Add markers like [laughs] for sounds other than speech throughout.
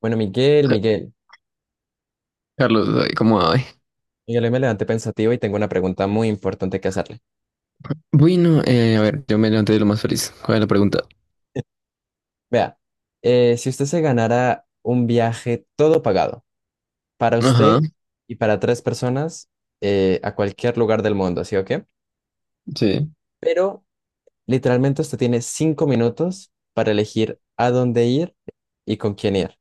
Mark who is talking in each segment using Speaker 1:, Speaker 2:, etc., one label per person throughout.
Speaker 1: Bueno, Miguel,
Speaker 2: Ca-
Speaker 1: Miguel,
Speaker 2: Carlos, ay, ¿cómo hay?
Speaker 1: Miguel, hoy me levanté pensativo y tengo una pregunta muy importante que hacerle.
Speaker 2: Bueno, a ver, yo me levanté de lo más feliz. ¿Cuál es la pregunta?
Speaker 1: Vea, si usted se ganara un viaje todo pagado para
Speaker 2: Ajá,
Speaker 1: usted y para tres personas a cualquier lugar del mundo, ¿sí o qué?
Speaker 2: sí.
Speaker 1: Pero literalmente usted tiene 5 minutos para elegir a dónde ir y con quién ir.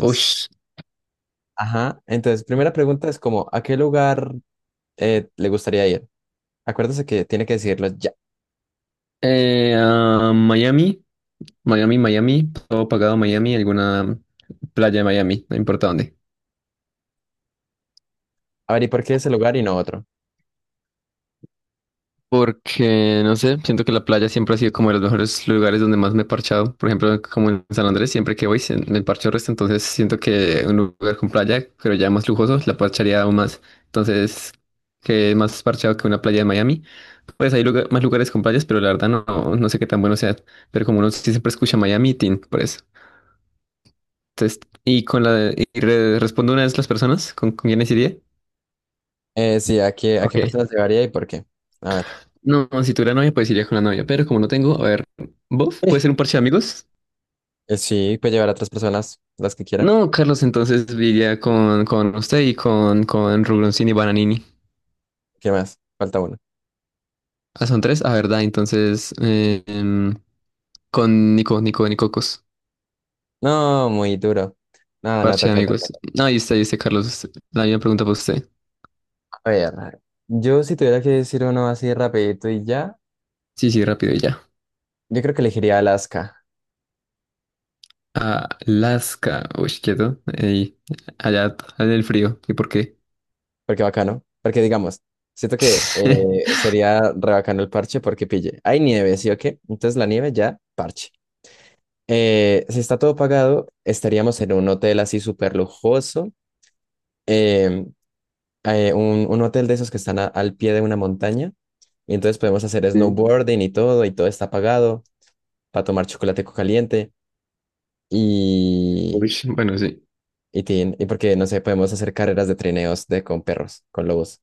Speaker 2: Uy.
Speaker 1: ajá, entonces, primera pregunta es como, ¿a qué lugar le gustaría ir? Acuérdese que tiene que decidirlo ya.
Speaker 2: Miami, Miami, todo pagado Miami, alguna playa de Miami, no importa dónde.
Speaker 1: A ver, ¿y por qué ese lugar y no otro?
Speaker 2: Porque, no sé, siento que la playa siempre ha sido como de los mejores lugares donde más me he parchado. Por ejemplo, como en San Andrés, siempre que voy me parcho el resto. Entonces siento que un lugar con playa, pero ya más lujoso, la parcharía aún más. Entonces, que más parchado que una playa de Miami. Pues más lugares con playas, pero la verdad no, no sé qué tan bueno sea. Pero como uno sí siempre escucha Miami, tin, por eso. Entonces, y con respondo una de las personas con quiénes iría.
Speaker 1: Sí, ¿a qué
Speaker 2: Ok.
Speaker 1: personas llevaría y por qué? A ver.
Speaker 2: No, si tuviera novia, pues iría con la novia, pero como no tengo, a ver, ¿vos? ¿Puede ser un parche de amigos?
Speaker 1: Sí, puede llevar a otras personas, las que quiera.
Speaker 2: No, Carlos, entonces iría con usted y con Rubroncini y Bananini.
Speaker 1: ¿Qué más? Falta uno.
Speaker 2: Ah, son tres, ah, verdad, entonces con Nicocos,
Speaker 1: No, muy duro. No, no,
Speaker 2: parche de
Speaker 1: toca, toca,
Speaker 2: amigos.
Speaker 1: toca.
Speaker 2: No, ahí está, Carlos, la misma pregunta para usted.
Speaker 1: A ver, yo si tuviera que decir uno así rapidito y ya,
Speaker 2: Sí, sí, rápido y ya.
Speaker 1: yo creo que elegiría Alaska,
Speaker 2: Alaska, uy, quieto, ey, allá en el frío, ¿y por qué?
Speaker 1: porque bacano, porque digamos, siento que
Speaker 2: [laughs]
Speaker 1: sería re bacano el parche porque pille. Hay nieve, ¿sí o qué? Entonces la nieve ya, parche. Si está todo pagado, estaríamos en un hotel así súper lujoso. Em, un hotel de esos que están al pie de una montaña. Y entonces podemos hacer
Speaker 2: Sí.
Speaker 1: snowboarding y todo está pagado para tomar chocolate caliente. Y,
Speaker 2: Uy, bueno, sí.
Speaker 1: y porque, no sé, podemos hacer carreras de trineos de, con perros, con lobos.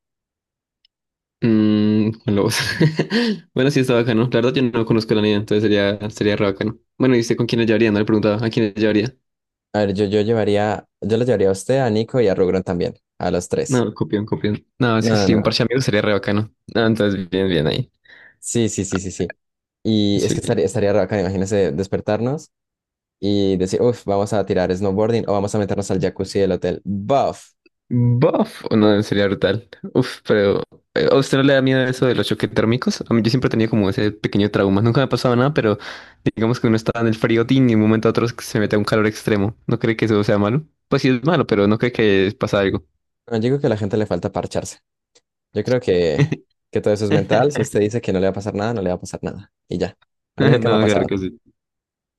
Speaker 2: Mm, con lobos. [laughs] Bueno, sí, está bacano. La verdad, yo no conozco la niña, entonces sería re bacano. Bueno, ¿y usted con quiénes llevaría? No le preguntaba. ¿A quiénes llevaría?
Speaker 1: A ver, yo los llevaría a usted, a Nico y a Rugron también, a los tres.
Speaker 2: No, copión, copión. No, es que
Speaker 1: No, no,
Speaker 2: sí, un
Speaker 1: no.
Speaker 2: parche de amigos sería re bacano. Ah, entonces, bien, bien ahí.
Speaker 1: Sí, sí, sí, sí, sí. Y es
Speaker 2: Sí.
Speaker 1: que estaría raro acá, imagínese despertarnos y decir, uff, vamos a tirar snowboarding o vamos a meternos al jacuzzi del hotel. Buff.
Speaker 2: Buff, no, sería brutal. Uf, pero ¿a usted no le da miedo eso de los choques térmicos? A mí yo siempre tenía como ese pequeño trauma. Nunca me ha pasado nada, pero digamos que uno está en el frío tin y de un momento a otro se mete a un calor extremo. ¿No cree que eso sea malo? Pues sí es malo, pero no cree que pasa algo.
Speaker 1: No, yo digo que a la gente le falta parcharse. Yo creo que todo eso es mental. Si
Speaker 2: [laughs]
Speaker 1: usted dice que no le va a pasar nada, no le va a pasar nada. Y ya. A mí
Speaker 2: [laughs]
Speaker 1: nunca me ha
Speaker 2: No, claro
Speaker 1: pasado.
Speaker 2: que sí.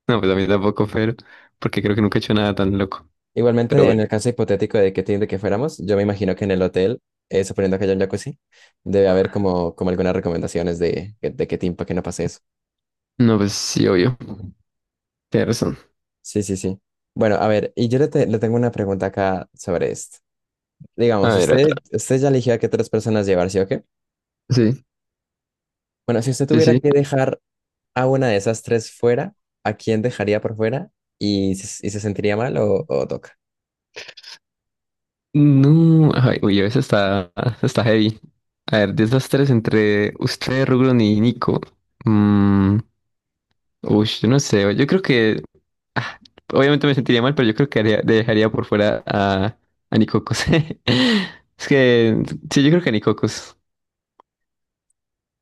Speaker 2: No, pues a mí tampoco, pero porque creo que nunca he hecho nada tan loco. Pero
Speaker 1: Igualmente, en
Speaker 2: bueno.
Speaker 1: el caso hipotético de que tiene que fuéramos, yo me imagino que en el hotel, suponiendo que haya un jacuzzi, debe haber como, como algunas recomendaciones de qué team para que no pase eso.
Speaker 2: No, pues sí, obvio. Tienes razón.
Speaker 1: Sí, sí, sí. Bueno, a ver, y yo le tengo una pregunta acá sobre esto.
Speaker 2: A
Speaker 1: Digamos,
Speaker 2: ver, otra.
Speaker 1: usted ya eligió a qué tres personas llevar, ¿sí o qué?
Speaker 2: Sí,
Speaker 1: Bueno, si usted
Speaker 2: sí,
Speaker 1: tuviera
Speaker 2: sí.
Speaker 1: que dejar a una de esas tres fuera, ¿a quién dejaría por fuera? ¿Y se sentiría mal o toca?
Speaker 2: No, ay, uy, esa está, está heavy. A ver, desastres entre usted, Rugron y Nico. Mm, uy, yo no sé. Yo creo que. Ah, obviamente me sentiría mal, pero yo creo que dejaría por fuera a Nicocos. [laughs] Es que. Sí, yo creo que a Nicocos.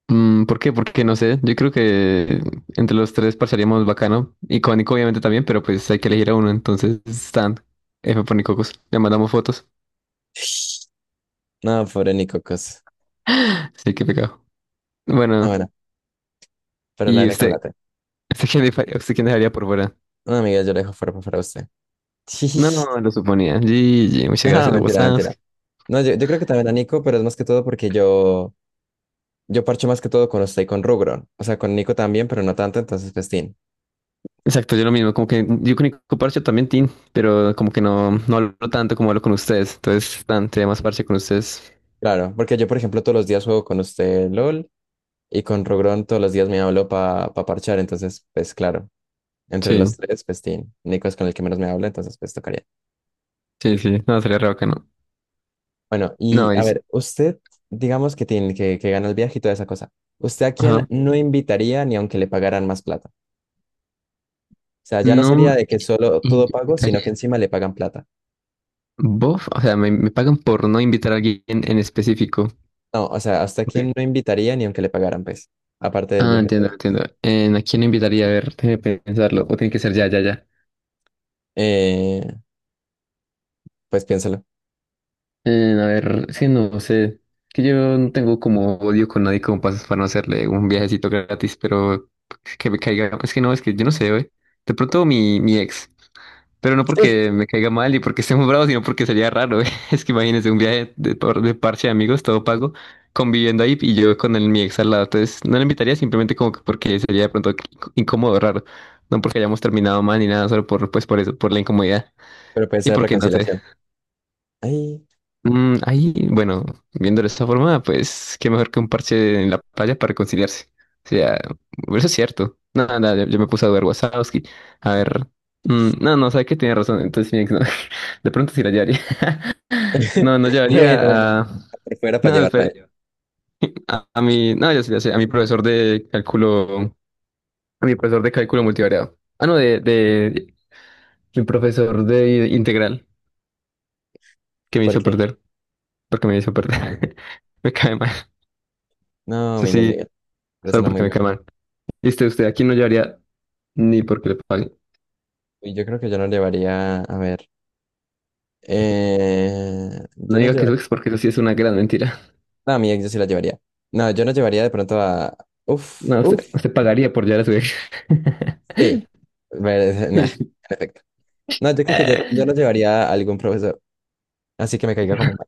Speaker 2: Mm, ¿por qué? Porque no sé. Yo creo que entre los tres parcharíamos bacano. Y con Nico obviamente también, pero pues hay que elegir a uno. Entonces Stan, F por Nicocos. Le mandamos fotos.
Speaker 1: No, pobre ni cocos.
Speaker 2: Así que pecado.
Speaker 1: No,
Speaker 2: Bueno,
Speaker 1: bueno, pero la
Speaker 2: ¿y
Speaker 1: N con
Speaker 2: usted?
Speaker 1: la T.
Speaker 2: ¿Usted quién, usted quién dejaría por fuera?
Speaker 1: No, amiga, yo la dejo fuera para usted. [laughs]
Speaker 2: No, lo suponía. GG, muchas
Speaker 1: No,
Speaker 2: gracias,
Speaker 1: mentira,
Speaker 2: WhatsApp.
Speaker 1: mentira. No, yo creo que también a Nico, pero es más que todo porque yo parcho más que todo con usted y con Rugron. O sea, con Nico también, pero no tanto, entonces festín.
Speaker 2: Exacto, yo lo mismo. Como que yo con Nico parcho también, Tin. Pero como que no, no hablo tanto como hablo con ustedes. Entonces, Stan, sería más parche con ustedes.
Speaker 1: Claro, porque yo, por ejemplo, todos los días juego con usted LOL y con Rugron todos los días me hablo para parchar, entonces, pues claro, entre
Speaker 2: Sí,
Speaker 1: los tres, festín. Nico es con el que menos me habla, entonces, pues tocaría.
Speaker 2: sí, sí. No, sería re bacano.
Speaker 1: Bueno, y
Speaker 2: No,
Speaker 1: a
Speaker 2: es...
Speaker 1: ver, usted, digamos que tiene que gana el viaje y toda esa cosa. ¿Usted a quién
Speaker 2: Ajá.
Speaker 1: no invitaría ni aunque le pagaran más plata? O sea, ya no
Speaker 2: No.
Speaker 1: sería de que solo todo pago, sino que encima le pagan plata.
Speaker 2: ¿Bof? O sea, me pagan por no invitar a alguien en específico.
Speaker 1: No, o sea, ¿hasta
Speaker 2: Ok.
Speaker 1: quién no invitaría ni aunque le pagaran, pues? Aparte del
Speaker 2: Ah,
Speaker 1: viaje todo.
Speaker 2: entiendo, entiendo. ¿A quién no invitaría? A ver, déjame pensarlo. O tiene que ser ya, ya, ya.
Speaker 1: Eh, pues piénsalo.
Speaker 2: A ver, sí, no sé. Que yo no tengo como odio con nadie como pasas para no hacerle un viajecito gratis, pero que me caiga. Es que no, es que yo no sé, güey. De pronto mi ex. Pero no
Speaker 1: Sí.
Speaker 2: porque me caiga mal y porque [laughs] esté muy bravo, sino porque sería raro. [laughs] Es que imagínense un viaje de parche de amigos, todo pago, conviviendo ahí y yo con el, mi ex al lado. Entonces no le invitaría simplemente como que porque sería de pronto incómodo, raro. No porque hayamos terminado mal ni nada, solo por, pues, por eso, por la incomodidad.
Speaker 1: Pero puede
Speaker 2: Y
Speaker 1: ser
Speaker 2: porque no sé.
Speaker 1: reconciliación. Ay.
Speaker 2: Mm, ahí, bueno, viendo de esta forma, pues qué mejor que un parche en la playa para reconciliarse. O sea, eso es cierto. No, nada, yo me puse a ver Wazowski. A ver. Mm, no, no, sabe que tiene razón. Entonces, mi ex no. [laughs] De pronto sí la llevaría. [laughs] No, no
Speaker 1: [laughs] Bueno, bueno,
Speaker 2: llevaría
Speaker 1: yo
Speaker 2: a.
Speaker 1: por fuera para
Speaker 2: No,
Speaker 1: llevarla a él.
Speaker 2: a mi. No, ya sé, a mi profesor de cálculo. A mi profesor de cálculo multivariado. Ah, no, de, de. Mi profesor de integral, que me hizo
Speaker 1: Porque,
Speaker 2: perder. Porque me hizo perder. [laughs] Me cae mal.
Speaker 1: no,
Speaker 2: Eso
Speaker 1: Miguel,
Speaker 2: sí,
Speaker 1: Miguel,
Speaker 2: solo
Speaker 1: persona muy
Speaker 2: porque me cae
Speaker 1: buena.
Speaker 2: mal. Y usted, usted aquí no llevaría ni porque le paguen.
Speaker 1: Y yo creo que yo no llevaría, a ver, eh, yo
Speaker 2: No
Speaker 1: no
Speaker 2: diga que su
Speaker 1: llevaría.
Speaker 2: ex, porque eso sí es una gran mentira. [laughs]
Speaker 1: No, a mi ex yo sí la llevaría. No, yo no llevaría de pronto a. Uf,
Speaker 2: No,
Speaker 1: uf,
Speaker 2: usted, usted pagaría por llevar a su ex. [laughs]
Speaker 1: sí. [laughs] Nah, en efecto. No, yo creo que yo no llevaría a algún profesor. Así que me caiga como mal.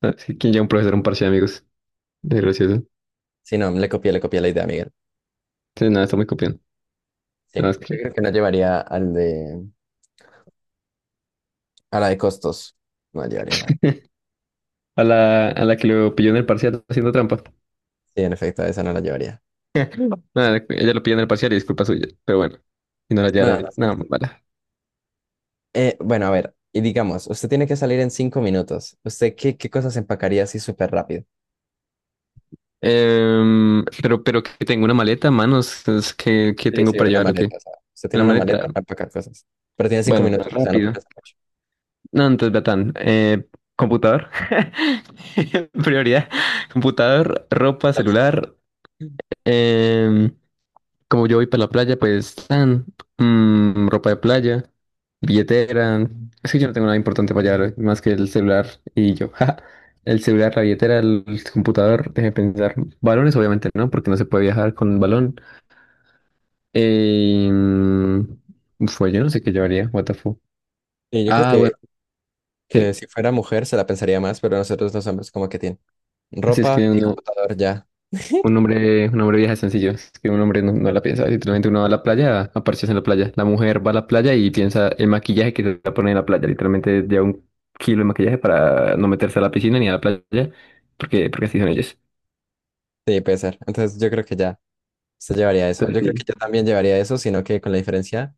Speaker 2: No, sí, ¿quién lleva un profesor a un parche de amigos? Desgracioso.
Speaker 1: Sí, no, le copié la idea a Miguel.
Speaker 2: Sí, nada, está muy copiando.
Speaker 1: Sí,
Speaker 2: Tenemos
Speaker 1: yo
Speaker 2: que-
Speaker 1: creo que no llevaría al de. A la de costos. No la llevaría a la de.
Speaker 2: [laughs] A la que lo pilló en el parcial haciendo trampa.
Speaker 1: Sí, en efecto, a esa no la llevaría.
Speaker 2: Nada, ella lo pilló en el parcial y es culpa suya. Pero bueno, y no la
Speaker 1: No,
Speaker 2: llevará.
Speaker 1: no.
Speaker 2: Nada, mala.
Speaker 1: Bueno, a ver. Y digamos, usted tiene que salir en 5 minutos. ¿Usted qué cosas empacaría así súper rápido?
Speaker 2: Em, pero que tengo una maleta, manos. Es que
Speaker 1: Sí,
Speaker 2: tengo
Speaker 1: sí,
Speaker 2: para
Speaker 1: una
Speaker 2: llevar lo que.
Speaker 1: maleta, o sea, usted tiene
Speaker 2: Una
Speaker 1: una maleta
Speaker 2: maleta.
Speaker 1: para empacar cosas. Pero tiene cinco
Speaker 2: Bueno,
Speaker 1: minutos, o sea, no puede
Speaker 2: rápido.
Speaker 1: pensar
Speaker 2: No, entonces, Betán, computador, [laughs] prioridad, computador, ropa,
Speaker 1: mucho.
Speaker 2: celular.
Speaker 1: [laughs]
Speaker 2: Em, como yo voy para la playa, pues, tan, mm, ropa de playa, billetera. Es que yo no tengo nada importante para llevar, más que el celular y yo. [laughs] Ja. El celular, la billetera, el computador, déjeme pensar. Balones, obviamente, ¿no? Porque no se puede viajar con balón. Em, fue, yo no sé qué llevaría, what the fuck.
Speaker 1: Y yo creo
Speaker 2: Ah,
Speaker 1: que,
Speaker 2: bueno,
Speaker 1: que
Speaker 2: que,
Speaker 1: si fuera mujer se la pensaría más, pero nosotros los hombres como que tienen
Speaker 2: si es
Speaker 1: ropa
Speaker 2: que
Speaker 1: y
Speaker 2: uno.
Speaker 1: computador ya
Speaker 2: Un hombre viaja sencillo, es que un hombre no, no la piensa, literalmente uno va a la playa, a parcharse en la playa, la mujer va a la playa y piensa el maquillaje que se va a poner en la playa, literalmente lleva un kilo de maquillaje para no meterse a la piscina ni a la playa, porque, porque así son ellos.
Speaker 1: de pesar. Entonces yo creo que ya se llevaría eso.
Speaker 2: Entonces,
Speaker 1: Yo creo que
Speaker 2: sí.
Speaker 1: yo también llevaría eso, sino que con la diferencia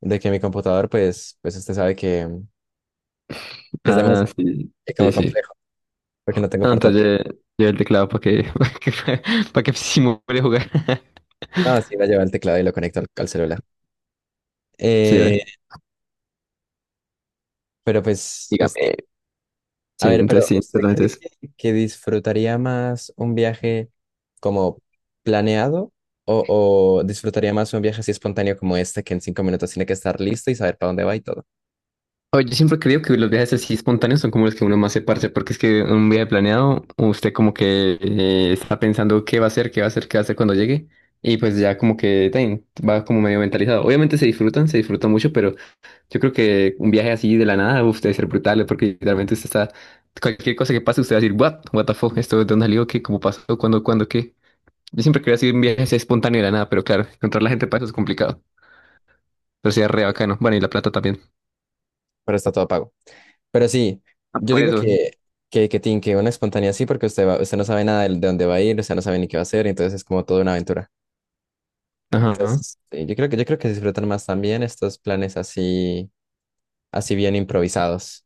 Speaker 1: de que mi computador, pues usted sabe que es de
Speaker 2: Ah,
Speaker 1: mesa,
Speaker 2: sí,
Speaker 1: que
Speaker 2: sí,
Speaker 1: como
Speaker 2: sí.
Speaker 1: complejo, porque no tengo
Speaker 2: Ah, entonces
Speaker 1: portátil.
Speaker 2: lleva el teclado para que, [laughs] para que simule jugar. [laughs]
Speaker 1: Ah, sí, la llevo el teclado y lo conecto al celular.
Speaker 2: Sí,
Speaker 1: Eh,
Speaker 2: ve.
Speaker 1: pero pues
Speaker 2: Dígame.
Speaker 1: a
Speaker 2: Sí,
Speaker 1: ver,
Speaker 2: entonces
Speaker 1: pero
Speaker 2: sí,
Speaker 1: ¿usted
Speaker 2: solamente
Speaker 1: cree que disfrutaría más un viaje como planeado o disfrutaría más un viaje así espontáneo como este que en 5 minutos tiene que estar listo y saber para dónde va y todo?
Speaker 2: oye, yo siempre creo que los viajes así espontáneos son como los que uno más se parce, porque es que un viaje planeado, usted como que está pensando qué va a hacer, qué va a hacer, qué va a hacer cuando llegue, y pues ya como que tan, va como medio mentalizado. Obviamente se disfrutan mucho, pero yo creo que un viaje así de la nada, uf, debe ser brutal, porque literalmente usted está, cualquier cosa que pase, usted va a decir, what, what the fuck, esto de dónde salió, qué, cómo pasó, cuándo, qué. Yo siempre quería hacer un viaje así espontáneo de la nada, pero claro, encontrar la gente para eso es complicado, pero sería re bacano. Bueno, y la plata también.
Speaker 1: Pero está todo pago. Pero sí,
Speaker 2: Ah,
Speaker 1: yo
Speaker 2: por
Speaker 1: digo
Speaker 2: eso.
Speaker 1: que una espontánea sí porque usted usted no sabe nada de dónde va a ir, usted no sabe ni qué va a hacer, entonces es como toda una aventura.
Speaker 2: Ajá.
Speaker 1: Entonces, sí, yo creo que disfrutan más también estos planes así, así bien improvisados.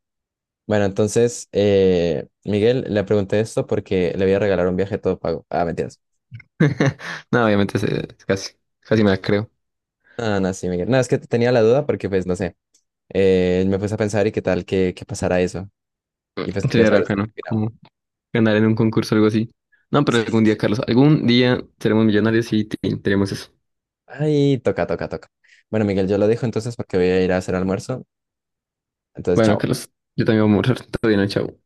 Speaker 1: Bueno, entonces, Miguel, le pregunté esto porque le voy a regalar un viaje todo pago. Ah, mentiras.
Speaker 2: [laughs] No, obviamente casi, casi me la creo.
Speaker 1: Ah, no, sí, Miguel. No, es que tenía la duda porque, pues, no sé. Me puse a pensar y qué tal que pasara eso. Y pues quería
Speaker 2: Sería
Speaker 1: saber
Speaker 2: raro que
Speaker 1: usted
Speaker 2: no,
Speaker 1: qué opinaba.
Speaker 2: como ganar en un concurso o algo así. No, pero
Speaker 1: Sí,
Speaker 2: algún
Speaker 1: sí,
Speaker 2: día,
Speaker 1: sí.
Speaker 2: Carlos, algún día seremos millonarios y tenemos eso.
Speaker 1: Ay, toca, toca, toca. Bueno, Miguel, yo lo dejo entonces porque voy a ir a hacer almuerzo. Entonces,
Speaker 2: Bueno,
Speaker 1: chao.
Speaker 2: Carlos, yo también voy a morir. Todo bien, chao.